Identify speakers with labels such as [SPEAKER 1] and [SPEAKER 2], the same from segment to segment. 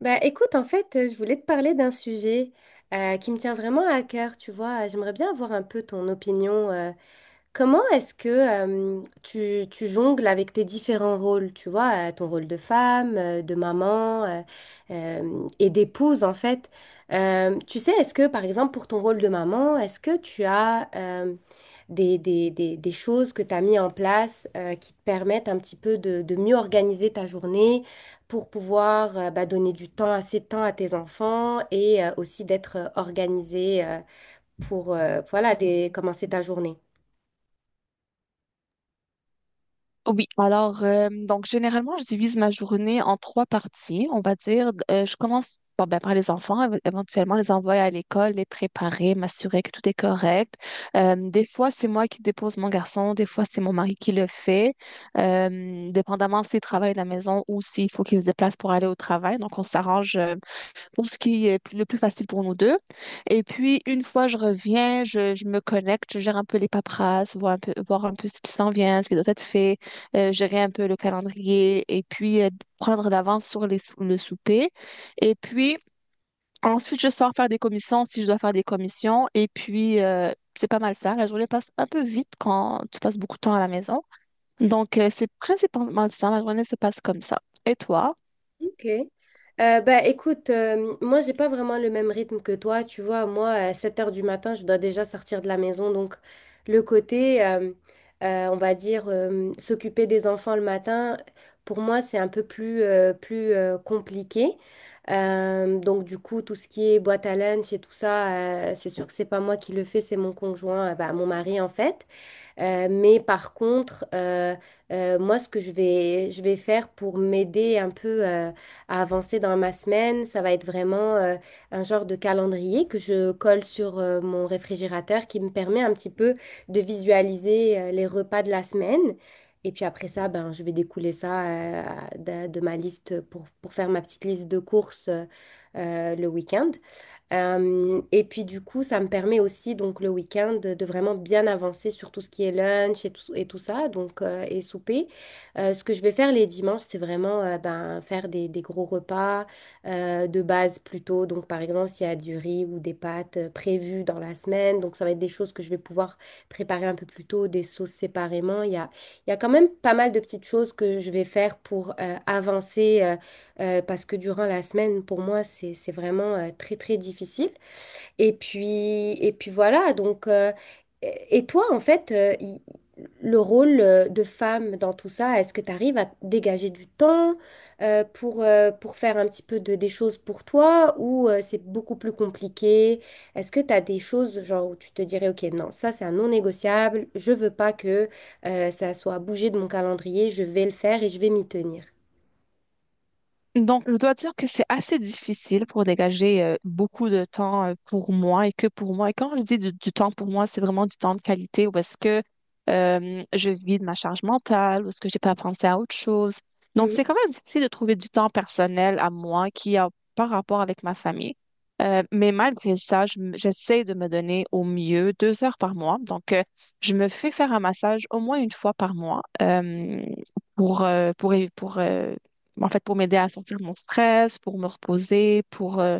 [SPEAKER 1] Bah, écoute, en fait, je voulais te parler d'un sujet qui me tient vraiment à cœur, tu vois. J'aimerais bien avoir un peu ton opinion. Comment est-ce que tu jongles avec tes différents rôles, tu vois, ton rôle de femme, de maman et d'épouse, en fait. Tu sais, est-ce que, par exemple, pour ton rôle de maman, est-ce que tu as, des choses que tu as mis en place qui te permettent un petit peu de mieux organiser ta journée pour pouvoir bah, donner du temps, assez de temps à tes enfants et aussi d'être organisé pour voilà, commencer ta journée.
[SPEAKER 2] Oui, alors, donc généralement, je divise ma journée en trois parties, on va dire. Je commence bon, ben, par les enfants, éventuellement les envoyer à l'école, les préparer, m'assurer que tout est correct. Des fois, c'est moi qui dépose mon garçon, des fois, c'est mon mari qui le fait, dépendamment s'il travaille à la maison ou s'il faut qu'il se déplace pour aller au travail. Donc, on s'arrange, pour ce qui est plus- le plus facile pour nous deux. Et puis, une fois je reviens, je me connecte, je gère un peu les paperasses, voir un peu ce qui s'en vient, ce qui doit être fait, gérer un peu le calendrier et puis prendre l'avance sur le souper. Et puis, ensuite, je sors faire des commissions si je dois faire des commissions. Et puis, c'est pas mal ça. La journée passe un peu vite quand tu passes beaucoup de temps à la maison. Donc, c'est principalement ça. Ma journée se passe comme ça. Et toi?
[SPEAKER 1] Ok. Bah, écoute, moi, j'ai pas vraiment le même rythme que toi. Tu vois, moi, à 7 heures du matin, je dois déjà sortir de la maison. Donc, le côté, on va dire, s'occuper des enfants le matin, pour moi, c'est un peu plus, plus compliqué. Donc, du coup, tout ce qui est boîte à lunch et tout ça, c'est sûr que c'est pas moi qui le fais, c'est mon conjoint, bah, mon mari, en fait. Mais par contre, moi, ce que je vais faire pour m'aider un peu à avancer dans ma semaine, ça va être vraiment un genre de calendrier que je colle sur mon réfrigérateur qui me permet un petit peu de visualiser les repas de la semaine. Et puis après ça, ben, je vais découler ça de ma liste pour faire ma petite liste de courses le week-end. Et puis du coup, ça me permet aussi donc le week-end de vraiment bien avancer sur tout ce qui est lunch et tout ça, donc et souper. Ce que je vais faire les dimanches, c'est vraiment ben, faire des gros repas de base plutôt. Donc par exemple, s'il y a du riz ou des pâtes prévues dans la semaine, donc ça va être des choses que je vais pouvoir préparer un peu plus tôt, des sauces séparément. Il y a quand même pas mal de petites choses que je vais faire pour avancer. Parce que durant la semaine, pour moi, c'est vraiment très, très difficile. Et puis voilà, donc, et toi, en fait, le rôle de femme dans tout ça, est-ce que tu arrives à dégager du temps pour faire un petit peu de, des choses pour toi ou c'est beaucoup plus compliqué? Est-ce que tu as des choses genre où tu te dirais, OK, non, ça c'est un non négociable, je veux pas que ça soit bougé de mon calendrier, je vais le faire et je vais m'y tenir.
[SPEAKER 2] Donc, je dois dire que c'est assez difficile pour dégager beaucoup de temps pour moi et que pour moi. Et quand je dis du temps pour moi, c'est vraiment du temps de qualité où est-ce que je vis de ma charge mentale, où est-ce que j'ai pas pensé à autre chose. Donc,
[SPEAKER 1] Mhm.
[SPEAKER 2] c'est quand même difficile de trouver du temps personnel à moi qui a pas rapport avec ma famille. Mais malgré ça, j'essaie de me donner au mieux 2 heures par mois. Donc, je me fais faire un massage au moins une fois par mois, pour, euh, pour, pour, euh, en fait, pour m'aider à sortir mon stress, pour me reposer,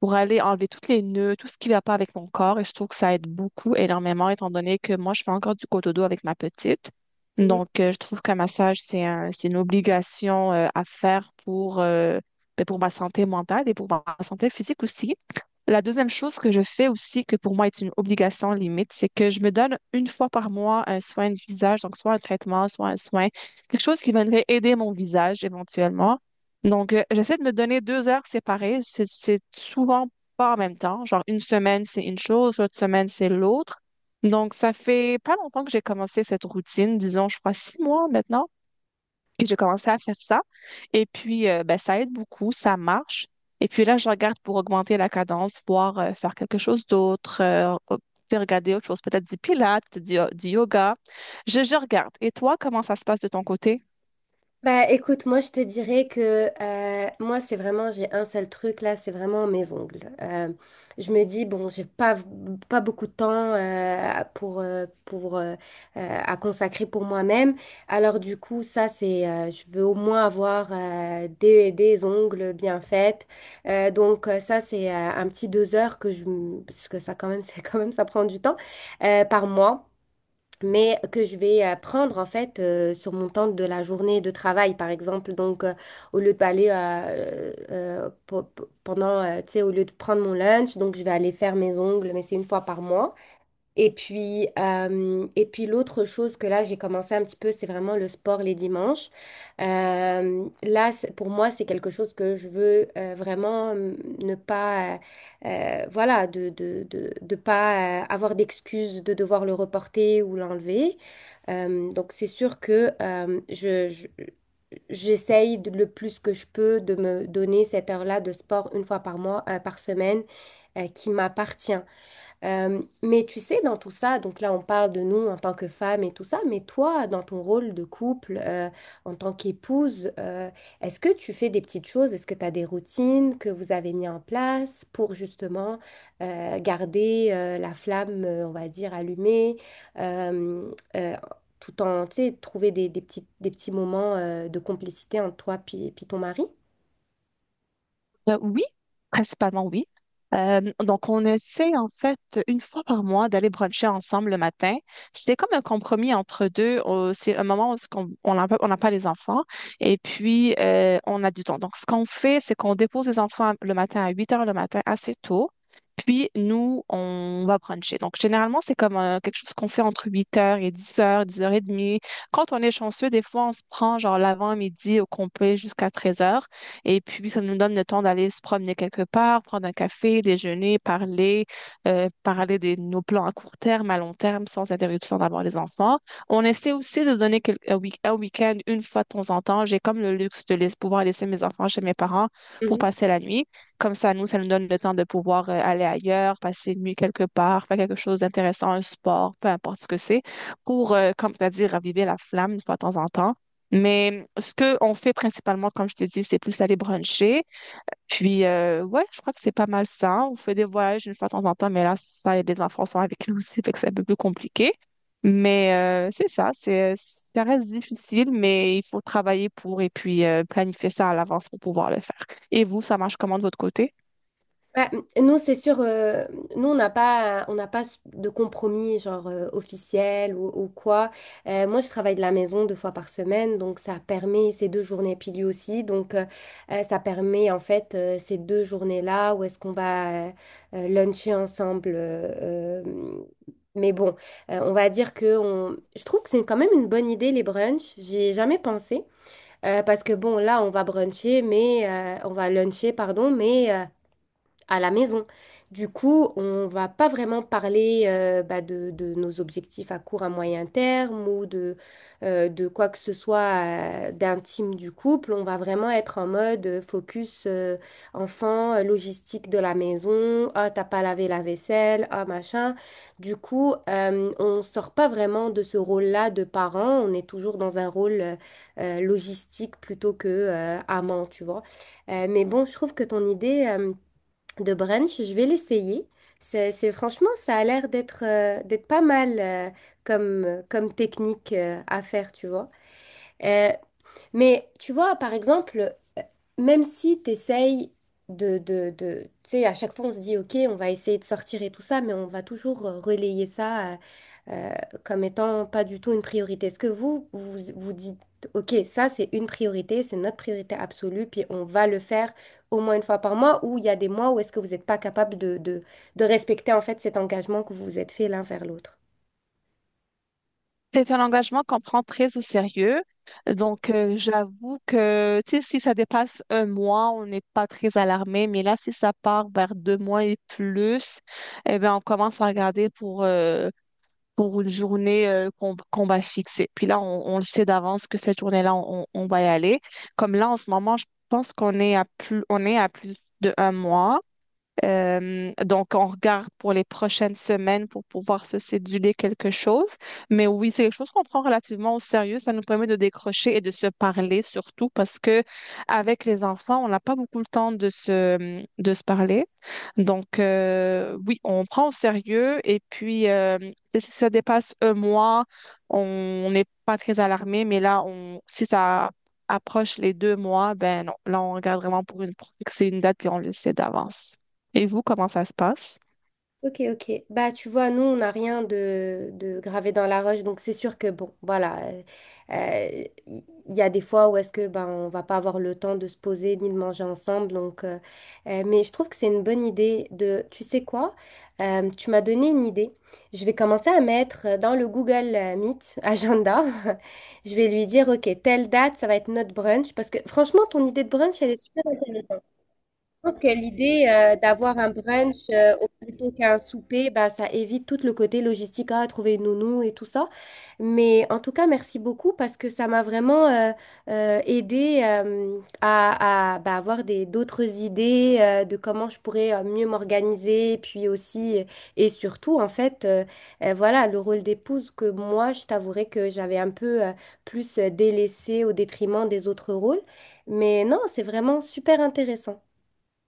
[SPEAKER 2] pour aller enlever toutes les nœuds, tout ce qui ne va pas avec mon corps. Et je trouve que ça aide beaucoup, énormément, étant donné que moi, je fais encore du dos avec ma petite.
[SPEAKER 1] Mhm.
[SPEAKER 2] Donc, je trouve qu'un massage, c'est une obligation, à faire pour, ben, pour ma santé mentale et pour ma santé physique aussi. La deuxième chose que je fais aussi, que pour moi est une obligation limite, c'est que je me donne une fois par mois un soin du visage, donc soit un traitement, soit un soin, quelque chose qui viendrait aider mon visage éventuellement. Donc, j'essaie de me donner 2 heures séparées. C'est souvent pas en même temps. Genre, une semaine, c'est une chose, l'autre semaine, c'est l'autre. Donc, ça fait pas longtemps que j'ai commencé cette routine, disons, je crois 6 mois maintenant, que j'ai commencé à faire ça. Et puis, ben, ça aide beaucoup, ça marche. Et puis là, je regarde pour augmenter la cadence, voir faire quelque chose d'autre, peut-être regarder autre chose, peut-être du pilates, du yoga. Je regarde. Et toi, comment ça se passe de ton côté?
[SPEAKER 1] Bah écoute, moi je te dirais que moi c'est vraiment, j'ai un seul truc là, c'est vraiment mes ongles. Je me dis, bon, j'ai pas, pas beaucoup de temps pour, à consacrer pour moi-même. Alors du coup, ça c'est, je veux au moins avoir des ongles bien faits. Donc ça c'est un petit 2 heures que je parce que ça quand même, c'est quand même, ça prend du temps par mois mais que je vais prendre en fait sur mon temps de la journée de travail par exemple donc au lieu d'aller pendant tu sais au lieu de prendre mon lunch donc je vais aller faire mes ongles mais c'est une fois par mois et puis l'autre chose que là, j'ai commencé un petit peu, c'est vraiment le sport les dimanches. Là, pour moi, c'est quelque chose que je veux vraiment ne pas, voilà, de pas avoir d'excuses de devoir le reporter ou l'enlever. Donc, c'est sûr que J'essaye le plus que je peux de me donner cette heure-là de sport une fois par mois, par semaine, qui m'appartient. Mais tu sais, dans tout ça, donc là, on parle de nous en tant que femmes et tout ça, mais toi, dans ton rôle de couple, en tant qu'épouse, est-ce que tu fais des petites choses? Est-ce que tu as des routines que vous avez mis en place pour justement garder la flamme, on va dire, allumée, euh, euh, tout en, tu sais, trouver des petits moments de complicité entre toi puis, puis ton mari?
[SPEAKER 2] Oui, principalement oui. Donc, on essaie en fait une fois par mois d'aller bruncher ensemble le matin. C'est comme un compromis entre deux. C'est un moment où on n'a pas les enfants et puis on a du temps. Donc, ce qu'on fait, c'est qu'on dépose les enfants le matin à 8h le matin assez tôt. Puis, nous, on va bruncher. Donc, généralement, c'est comme quelque chose qu'on fait entre 8h et 10h, 10h30. Quand on est chanceux, des fois, on se prend genre l'avant-midi au complet jusqu'à 13h. Et puis, ça nous donne le temps d'aller se promener quelque part, prendre un café, déjeuner, parler de nos plans à court terme, à long terme, sans interruption d'avoir les enfants. On essaie aussi de donner un week-end une fois de temps en temps. J'ai comme le luxe de pouvoir laisser mes enfants chez mes parents pour passer la nuit. Comme ça nous donne le temps de pouvoir aller ailleurs, passer une nuit quelque part, faire quelque chose d'intéressant, un sport, peu importe ce que c'est, comme tu as dit, raviver la flamme une fois de temps en temps, mais ce qu'on fait principalement, comme je t'ai dit, c'est plus aller bruncher. Puis, ouais, je crois que c'est pas mal ça. On fait des voyages une fois de temps en temps, mais là, ça, les enfants sont avec nous aussi, fait que c'est un peu plus compliqué. Mais c'est ça, ça reste difficile, mais il faut travailler pour et puis planifier ça à l'avance pour pouvoir le faire. Et vous, ça marche comment de votre côté?
[SPEAKER 1] Bah, nous, c'est sûr, nous, on n'a pas de compromis, genre officiel ou quoi. Moi, je travaille de la maison 2 fois par semaine, donc ça permet ces 2 journées, puis lui aussi. Donc, ça permet en fait ces 2 journées-là où est-ce qu'on va luncher ensemble. Mais bon, on va dire que on... je trouve que c'est quand même une bonne idée, les brunchs. J'ai jamais pensé. Parce que bon, là, on va bruncher, mais on va luncher, pardon, mais. À la maison. Du coup, on va pas vraiment parler bah, de nos objectifs à court, à moyen terme ou de quoi que ce soit d'intime du couple. On va vraiment être en mode focus enfant, logistique de la maison. Ah, t'as pas lavé la vaisselle, ah, machin. Du coup, on sort pas vraiment de ce rôle-là de parent. On est toujours dans un rôle logistique plutôt que amant, tu vois. Mais bon, je trouve que ton idée... de brunch. Je vais l'essayer. Franchement, ça a l'air d'être d'être pas mal comme, comme technique à faire, tu vois. Euh, mais tu vois, par exemple, même si tu essayes tu sais, à chaque fois, on se dit, OK, on va essayer de sortir et tout ça, mais on va toujours relayer ça euh, comme étant pas du tout une priorité. Est-ce que vous, vous vous dites, OK, ça, c'est une priorité, c'est notre priorité absolue, puis on va le faire au moins une fois par mois, ou il y a des mois où est-ce que vous n'êtes pas capable de respecter, en fait, cet engagement que vous vous êtes fait l'un vers l'autre?
[SPEAKER 2] C'est un engagement qu'on prend très au sérieux. Donc, j'avoue que tu sais, si ça dépasse un mois, on n'est pas très alarmé. Mais là, si ça part vers 2 mois et plus, eh bien, on commence à regarder pour une journée, qu'on va fixer. Puis là, on le sait d'avance que cette journée-là, on va y aller. Comme là, en ce moment, je pense qu'on est à plus, on est à plus de un mois. Donc, on regarde pour les prochaines semaines pour pouvoir se céduler quelque chose. Mais oui, c'est quelque chose qu'on prend relativement au sérieux. Ça nous permet de décrocher et de se parler surtout parce que avec les enfants, on n'a pas beaucoup le temps de de se parler. Donc, oui, on prend au sérieux et puis si ça dépasse un mois, on n'est pas très alarmé. Mais là, si ça approche les 2 mois, ben non, là, on regarde vraiment pour fixer une date puis on le sait d'avance. Et vous, comment ça se passe?
[SPEAKER 1] Ok, ok. Bah, tu vois, nous, on n'a rien de, de gravé dans la roche, donc c'est sûr que, bon, voilà, euh, il il y a des fois où est-ce que, ben, on va pas avoir le temps de se poser ni de manger ensemble, donc, mais je trouve que c'est une bonne idée de, tu sais quoi, tu m'as donné une idée. Je vais commencer à mettre dans le Google Meet agenda, je vais lui dire, ok, telle date, ça va être notre brunch, parce que franchement, ton idée de brunch, elle est je pense que l'idée d'avoir un brunch plutôt qu'un souper, bah, ça évite tout le côté logistique, à trouver une nounou et tout ça. Mais en tout cas, merci beaucoup parce que ça m'a vraiment aidé à, bah, avoir des, d'autres idées de comment je pourrais mieux m'organiser. Puis aussi, et surtout, en fait, voilà, le rôle d'épouse que moi, je t'avouerais que j'avais un peu plus délaissé au détriment des autres rôles. Mais non, c'est vraiment super intéressant.